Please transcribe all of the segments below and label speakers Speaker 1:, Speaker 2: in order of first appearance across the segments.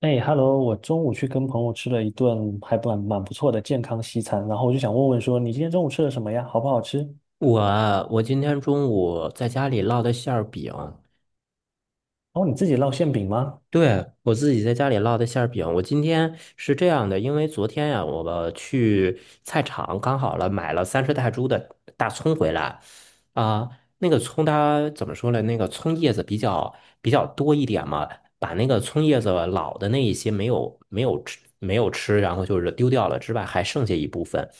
Speaker 1: 哎，Hello，我中午去跟朋友吃了一顿还蛮不错的健康西餐，然后我就想问问说，你今天中午吃了什么呀？好不好吃？
Speaker 2: 我今天中午在家里烙的馅儿饼，
Speaker 1: 哦，你自己烙馅饼吗？
Speaker 2: 对，我自己在家里烙的馅儿饼。我今天是这样的，因为昨天呀、我去菜场刚好了买了30泰铢的大葱回来，啊、那个葱它怎么说呢？那个葱叶子比较多一点嘛，把那个葱叶子老的那一些没有吃，然后就是丢掉了之外，还剩下一部分。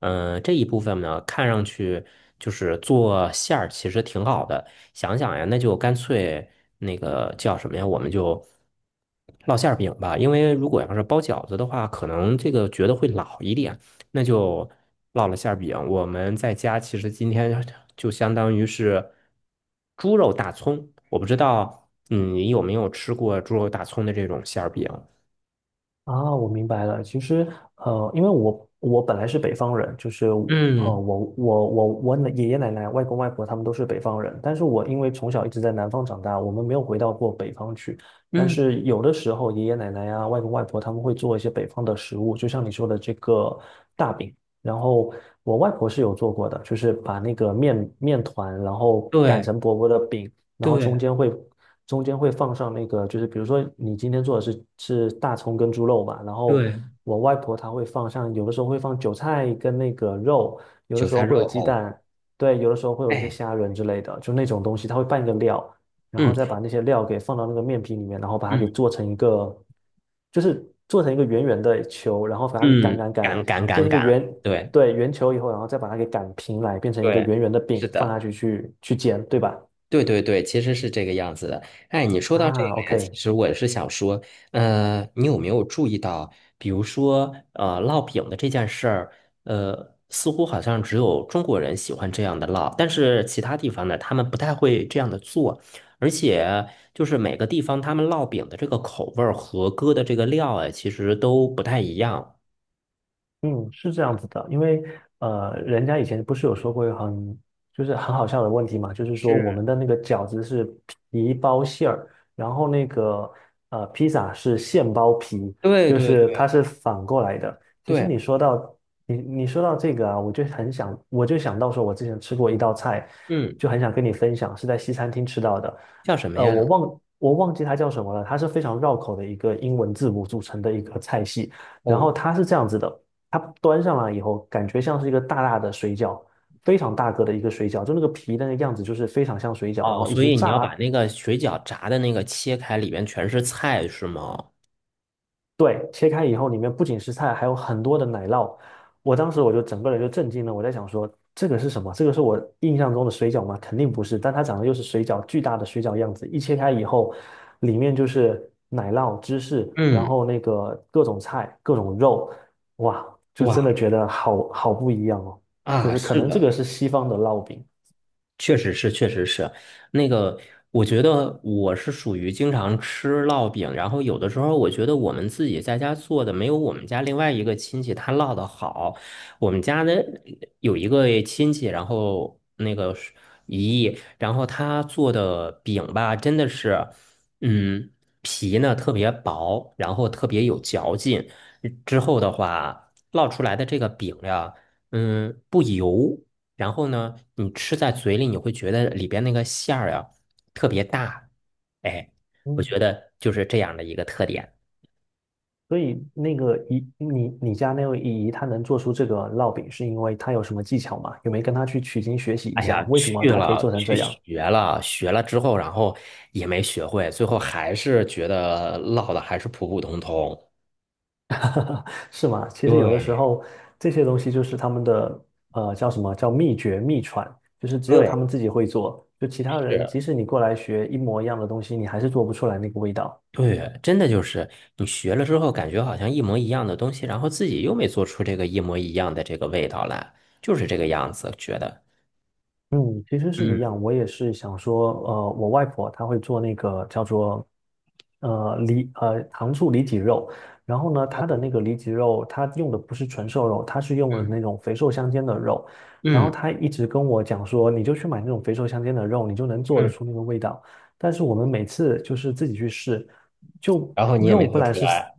Speaker 2: 这一部分呢，看上去就是做馅儿，其实挺好的。想想呀，那就干脆那个叫什么呀？我们就烙馅儿饼吧，因为如果要是包饺子的话，可能这个觉得会老一点，那就烙了馅儿饼。我们在家其实今天 就相当于是猪肉大葱，我不知道，你有没有吃过猪肉大葱的这种馅儿饼？
Speaker 1: 啊，我明白了。其实，因为我本来是北方人，就是
Speaker 2: 嗯
Speaker 1: 我爷爷奶奶、外公外婆他们都是北方人，但是我因为从小一直在南方长大，我们没有回到过北方去。但
Speaker 2: 嗯，
Speaker 1: 是有的时候，爷爷奶奶呀、外公外婆他们会做一些北方的食物，就像你说的这个大饼。然后我外婆是有做过的，就是把那个面团，然后擀
Speaker 2: 对
Speaker 1: 成薄薄的饼，然后
Speaker 2: 对
Speaker 1: 中间会放上那个，就是比如说你今天做的是大葱跟猪肉吧，然后
Speaker 2: 对，
Speaker 1: 我外婆她会放像有的时候会放韭菜跟那个肉，有的
Speaker 2: 韭
Speaker 1: 时
Speaker 2: 菜
Speaker 1: 候会有
Speaker 2: 肉
Speaker 1: 鸡
Speaker 2: 藕，
Speaker 1: 蛋，对，有的时候会有一些
Speaker 2: 哎，
Speaker 1: 虾仁之类的，就那种东西，她会拌一个料，然后再
Speaker 2: 嗯
Speaker 1: 把那些料给放到那个面皮里面，然后把它给
Speaker 2: 嗯
Speaker 1: 做成一个，就是做成一个圆圆的球，然后把它给擀
Speaker 2: 嗯，
Speaker 1: 擀擀，
Speaker 2: 敢敢敢
Speaker 1: 变成一个
Speaker 2: 敢，
Speaker 1: 圆，
Speaker 2: 对
Speaker 1: 对，圆球以后，然后再把它给擀平来，变成一个
Speaker 2: 对，
Speaker 1: 圆圆的饼，
Speaker 2: 是
Speaker 1: 放下
Speaker 2: 的。
Speaker 1: 去去去煎，对吧？
Speaker 2: 对对对，其实是这个样子的。哎，你说到这
Speaker 1: 啊
Speaker 2: 个呀，其
Speaker 1: ，OK。
Speaker 2: 实我是想说，你有没有注意到，比如说，烙饼的这件事儿，似乎好像只有中国人喜欢这样的烙，但是其他地方呢，他们不太会这样的做，而且就是每个地方他们烙饼的这个口味儿和搁的这个料啊，其实都不太一样。
Speaker 1: 嗯，是这样子的，因为人家以前不是有说过一个就是很好笑的问题嘛，就是说我
Speaker 2: 是，
Speaker 1: 们的那个饺子是皮包馅儿，然后那个披萨是馅包皮，
Speaker 2: 对
Speaker 1: 就
Speaker 2: 对
Speaker 1: 是它
Speaker 2: 对
Speaker 1: 是反过来的。其实
Speaker 2: 对，
Speaker 1: 你你说到这个啊，我就想到说，我之前吃过一道菜，
Speaker 2: 嗯，
Speaker 1: 就很想跟你分享，是在西餐厅吃到的。
Speaker 2: 叫什么
Speaker 1: 呃，
Speaker 2: 呀？
Speaker 1: 我忘记它叫什么了，它是非常绕口的一个英文字母组成的一个菜系，然
Speaker 2: 哦。
Speaker 1: 后它是这样子的。它端上来以后，感觉像是一个大大的水饺，非常大个的一个水饺，就那个皮那个样子就是非常像水饺，然
Speaker 2: 哦，
Speaker 1: 后已
Speaker 2: 所
Speaker 1: 经
Speaker 2: 以你
Speaker 1: 炸
Speaker 2: 要把
Speaker 1: 了，
Speaker 2: 那个水饺炸的那个切开，里面全是菜，是吗？
Speaker 1: 对，切开以后里面不仅是菜，还有很多的奶酪。我当时整个人就震惊了，我在想说这个是什么？这个是我印象中的水饺吗？肯定不是，但它长得又是水饺，巨大的水饺样子，一切开以后，里面就是奶酪、芝士，然
Speaker 2: 嗯，
Speaker 1: 后那个各种菜、各种肉，哇，就真的
Speaker 2: 哇
Speaker 1: 觉得好不一样哦。就
Speaker 2: 啊，
Speaker 1: 是可
Speaker 2: 是
Speaker 1: 能这个
Speaker 2: 的，
Speaker 1: 是西方的烙饼。
Speaker 2: 确实是，确实是，那个，我觉得我是属于经常吃烙饼，然后有的时候我觉得我们自己在家做的没有我们家另外一个亲戚他烙的好。我们家的有一个亲戚，然后那个是姨姨然后他做的饼吧，真的是，嗯，皮呢特别薄，然后特别有嚼劲。之后的话，烙出来的这个饼呀，不油。然后呢，你吃在嘴里，你会觉得里边那个馅儿呀特别大，哎，我
Speaker 1: 嗯，
Speaker 2: 觉得就是这样的一个特点。
Speaker 1: 所以那个姨，你家那位姨姨，她能做出这个烙饼，是因为她有什么技巧吗？有没有跟她去取经学习一
Speaker 2: 哎
Speaker 1: 下，
Speaker 2: 呀，
Speaker 1: 为什么
Speaker 2: 去
Speaker 1: 她可以
Speaker 2: 了
Speaker 1: 做成
Speaker 2: 去
Speaker 1: 这样？
Speaker 2: 学了，学了之后，然后也没学会，最后还是觉得烙的还是普普通通。
Speaker 1: 是吗？其实有的时
Speaker 2: 对
Speaker 1: 候这些东西就是他们的叫什么叫秘诀秘传，就是只有他
Speaker 2: 对
Speaker 1: 们自己会做，就其他人
Speaker 2: 是，
Speaker 1: 即使你过来学一模一样的东西，你还是做不出来那个味道。
Speaker 2: 对，真的就是你学了之后，感觉好像一模一样的东西，然后自己又没做出这个一模一样的这个味道来，就是这个样子，觉得。
Speaker 1: 嗯，其实是一
Speaker 2: 嗯，
Speaker 1: 样，我也是想说，呃，我外婆她会做那个叫做，呃，糖醋里脊肉，然后呢，她的那
Speaker 2: 好
Speaker 1: 个里脊肉，她用的不是纯瘦肉，她是用的
Speaker 2: 嗯
Speaker 1: 那种肥瘦相间的肉，然后
Speaker 2: 嗯
Speaker 1: 她一直跟我讲说，你就去买那种肥瘦相间的肉，你就能做得
Speaker 2: 嗯。
Speaker 1: 出那个味道。但是我们每次就是自己去试，就
Speaker 2: 然后你也
Speaker 1: 肉
Speaker 2: 没
Speaker 1: 不
Speaker 2: 做出
Speaker 1: 然是，
Speaker 2: 来，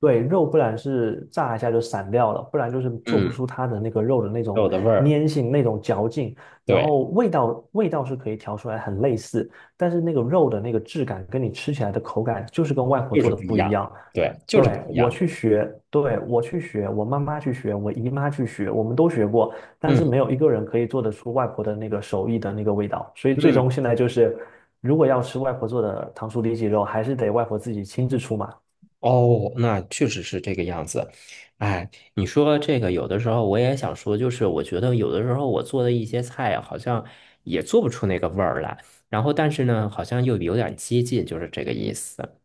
Speaker 1: 对，肉不然是炸一下就散掉了，不然就是做不
Speaker 2: 嗯，
Speaker 1: 出它的那个肉的那种
Speaker 2: 肉的味儿，
Speaker 1: 粘性、那种嚼劲。然
Speaker 2: 对，
Speaker 1: 后味道是可以调出来很类似，但是那个肉的那个质感跟你吃起来的口感就是跟外婆
Speaker 2: 就是
Speaker 1: 做的
Speaker 2: 不一
Speaker 1: 不一
Speaker 2: 样，
Speaker 1: 样。
Speaker 2: 对，就是不
Speaker 1: 对，
Speaker 2: 一
Speaker 1: 我
Speaker 2: 样，
Speaker 1: 去学，对，我去学，我妈妈去学，我姨妈去学，我们都学过，但是
Speaker 2: 嗯
Speaker 1: 没有一个人可以做得出外婆的那个手艺的那个味道。所以最
Speaker 2: 嗯，
Speaker 1: 终现在就是，如果要吃外婆做的糖醋里脊肉，还是得外婆自己亲自出马。
Speaker 2: 哦，那确实是这个样子，哎，你说这个有的时候我也想说，就是我觉得有的时候我做的一些菜好像也做不出那个味儿来，然后但是呢，好像又有点接近，就是这个意思。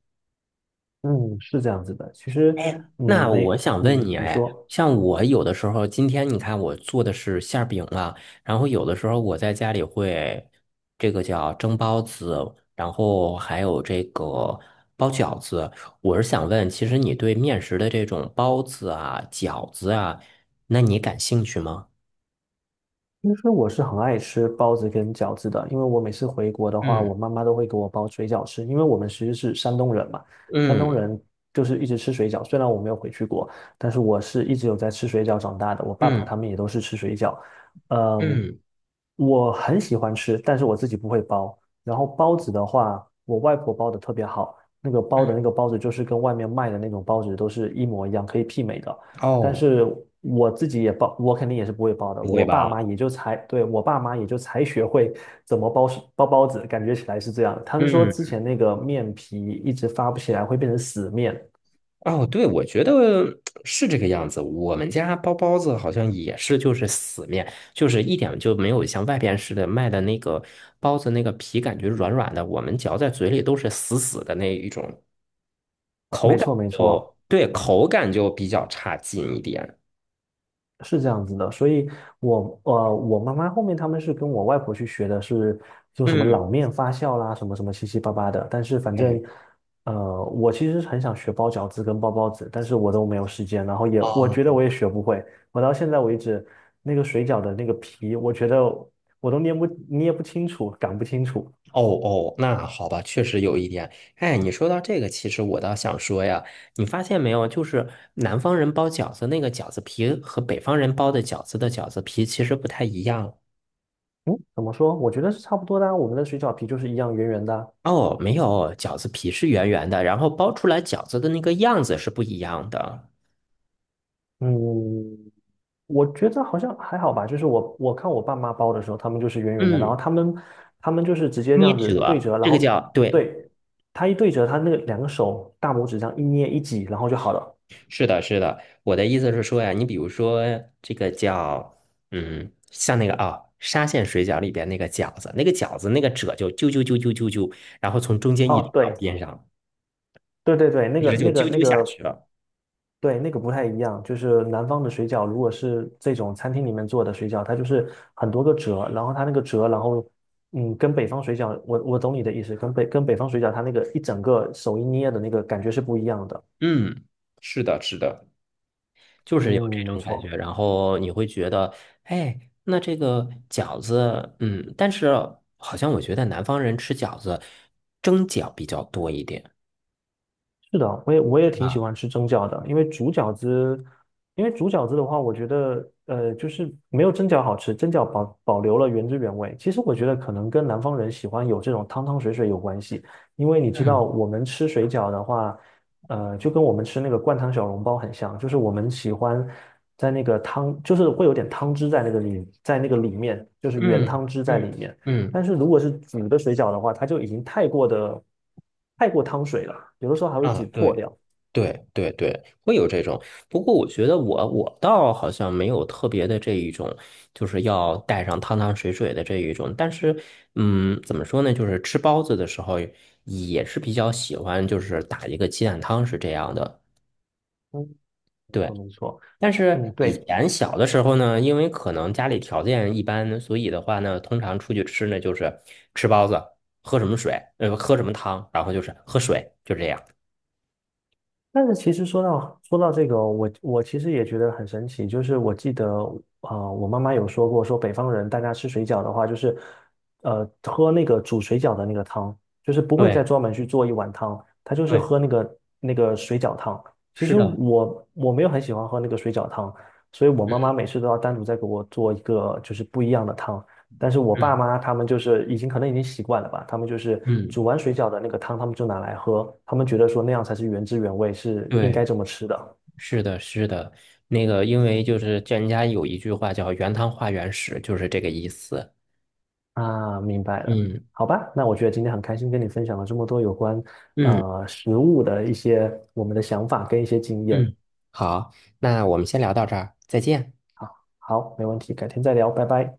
Speaker 1: 嗯，是这样子的。其实，嗯，
Speaker 2: 那
Speaker 1: 没，
Speaker 2: 我想问
Speaker 1: 嗯，
Speaker 2: 你，
Speaker 1: 你
Speaker 2: 哎，
Speaker 1: 说。
Speaker 2: 像我有的时候，今天你看我做的是馅儿饼啊，然后有的时候我在家里会这个叫蒸包子，然后还有这个包饺子。我是想问，其实你对面食的这种包子啊、饺子啊，那你感兴趣吗？
Speaker 1: 其实我是很爱吃包子跟饺子的，因为我每次回国的话，我
Speaker 2: 嗯
Speaker 1: 妈妈都会给我包水饺吃，因为我们其实是山东人嘛，山东
Speaker 2: 嗯
Speaker 1: 人就是一直吃水饺。虽然我没有回去过，但是我是一直有在吃水饺长大的，我爸爸
Speaker 2: 嗯
Speaker 1: 他们也都是吃水饺。嗯，
Speaker 2: 嗯
Speaker 1: 我很喜欢吃，但是我自己不会包。然后包子的话，我外婆包的特别好，那个包
Speaker 2: 嗯，
Speaker 1: 的那个包子就是跟外面卖的那种包子都是一模一样，可以媲美的。但
Speaker 2: 哦，
Speaker 1: 是我自己也包，我肯定也是不会包的。
Speaker 2: 不会
Speaker 1: 我爸妈
Speaker 2: 包，
Speaker 1: 也就才，对，我爸妈也就才学会怎么包包子，感觉起来是这样。他们说
Speaker 2: 嗯。
Speaker 1: 之前那个面皮一直发不起来，会变成死面。
Speaker 2: 哦，对，我觉得是这个样子。我们家包包子好像也是，就是死面，就是一点就没有像外边似的卖的那个包子那个皮感觉软软的，我们嚼在嘴里都是死死的那一种。
Speaker 1: 没错，没错。
Speaker 2: 对，口感就比较差劲一点。
Speaker 1: 是这样子的，所以我妈妈后面他们是跟我外婆去学的是，就什么
Speaker 2: 嗯，
Speaker 1: 老面发酵啦，什么什么七七八八的。但是反
Speaker 2: 嗯，
Speaker 1: 正，呃，我其实很想学包饺子跟包包子，但是我都没有时间，然后我
Speaker 2: 哦，
Speaker 1: 觉得我也学不会。我到现在为止，那个水饺的那个皮，我觉得我都捏不清楚，擀不清楚。
Speaker 2: 哦哦，那好吧，确实有一点。哎，你说到这个，其实我倒想说呀，你发现没有，就是南方人包饺子那个饺子皮和北方人包的饺子的饺子皮其实不太一样。
Speaker 1: 嗯，怎么说？我觉得是差不多的啊，我们的水饺皮就是一样圆圆的啊。
Speaker 2: 哦，没有，饺子皮是圆圆的，然后包出来饺子的那个样子是不一样的。
Speaker 1: 嗯，我觉得好像还好吧，就是我看我爸妈包的时候，他们就是圆圆的，然后
Speaker 2: 嗯，
Speaker 1: 他们就是直接这
Speaker 2: 捏
Speaker 1: 样子对
Speaker 2: 褶，
Speaker 1: 折，然
Speaker 2: 这个
Speaker 1: 后
Speaker 2: 叫，对，
Speaker 1: 对，他一对折，他那个两个手大拇指这样一捏一挤，然后就好了。
Speaker 2: 是的，是的。我的意思是说呀，你比如说这个叫，像那个啊，沙县水饺里边那个饺子，那个饺子那个褶就揪揪揪揪揪揪，然后从中间一
Speaker 1: 哦，
Speaker 2: 直到
Speaker 1: 对
Speaker 2: 边上，
Speaker 1: 对对对，
Speaker 2: 一直就揪
Speaker 1: 那
Speaker 2: 揪下
Speaker 1: 个，
Speaker 2: 去了。
Speaker 1: 对，那个不太一样，就是南方的水饺，如果是这种餐厅里面做的水饺，它就是很多个折，然后它那个折，然后嗯，跟北方水饺，我懂你的意思，跟北方水饺，它那个一整个手一捏的那个感觉是不一样的。
Speaker 2: 嗯，是的，是的。就是有这
Speaker 1: 嗯，没
Speaker 2: 种感觉，
Speaker 1: 错。
Speaker 2: 然后你会觉得，哎，那这个饺子，但是好像我觉得南方人吃饺子蒸饺比较多一点。
Speaker 1: 是的，我也挺喜欢吃蒸饺的，因为煮饺子的话，我觉得呃，就是没有蒸饺好吃，蒸饺保留了原汁原味。其实我觉得可能跟南方人喜欢有这种汤汤水水有关系，因为你知
Speaker 2: 嗯
Speaker 1: 道我们吃水饺的话，呃，就跟我们吃那个灌汤小笼包很像，就是我们喜欢在那个汤，就是会有点汤汁在那个里，在那个里面，就是原
Speaker 2: 嗯
Speaker 1: 汤汁在
Speaker 2: 嗯
Speaker 1: 里面。但
Speaker 2: 嗯，
Speaker 1: 是如果是煮的水饺的话，它就已经太过汤水了，有的时候还会煮
Speaker 2: 啊，
Speaker 1: 破
Speaker 2: 对，
Speaker 1: 掉。
Speaker 2: 对对对，会有这种。不过我觉得我倒好像没有特别的这一种，就是要带上汤汤水水的这一种。但是，怎么说呢？就是吃包子的时候也是比较喜欢，就是打一个鸡蛋汤是这样的。
Speaker 1: 嗯，没
Speaker 2: 对。
Speaker 1: 错没错。
Speaker 2: 但
Speaker 1: 嗯，
Speaker 2: 是以
Speaker 1: 对，
Speaker 2: 前小的时候呢，因为可能家里条件一般，所以的话呢，通常出去吃呢就是吃包子，喝什么水，喝什么汤，然后就是喝水，就这样。
Speaker 1: 但是其实说到这个哦，我其实也觉得很神奇，就是我记得我妈妈有说过，说北方人大家吃水饺的话，就是喝那个煮水饺的那个汤，就是不会
Speaker 2: 对
Speaker 1: 再专门去做一碗汤，他就是
Speaker 2: 对，
Speaker 1: 喝那个水饺汤。其
Speaker 2: 是
Speaker 1: 实
Speaker 2: 的，
Speaker 1: 我没有很喜欢喝那个水饺汤，所以我妈妈
Speaker 2: 嗯
Speaker 1: 每次都要单独再给我做一个就是不一样的汤。但是我爸
Speaker 2: 嗯
Speaker 1: 妈他们就是可能已经习惯了吧，他们就是
Speaker 2: 嗯，
Speaker 1: 煮完水饺的那个汤，他们就拿来喝，他们觉得说那样才是原汁原味，是应
Speaker 2: 对，
Speaker 1: 该这么吃的。
Speaker 2: 是的，是的，那个因为就是叫人家有一句话叫"原汤化原食"，就是这个意思。
Speaker 1: 啊。明白了，
Speaker 2: 嗯
Speaker 1: 好吧，那我觉得今天很开心跟你分享了这么多有关
Speaker 2: 嗯
Speaker 1: 食物的一些我们的想法跟一些经验。
Speaker 2: 嗯，好，那我们先聊到这儿，再见。
Speaker 1: 好，好，没问题，改天再聊，拜拜。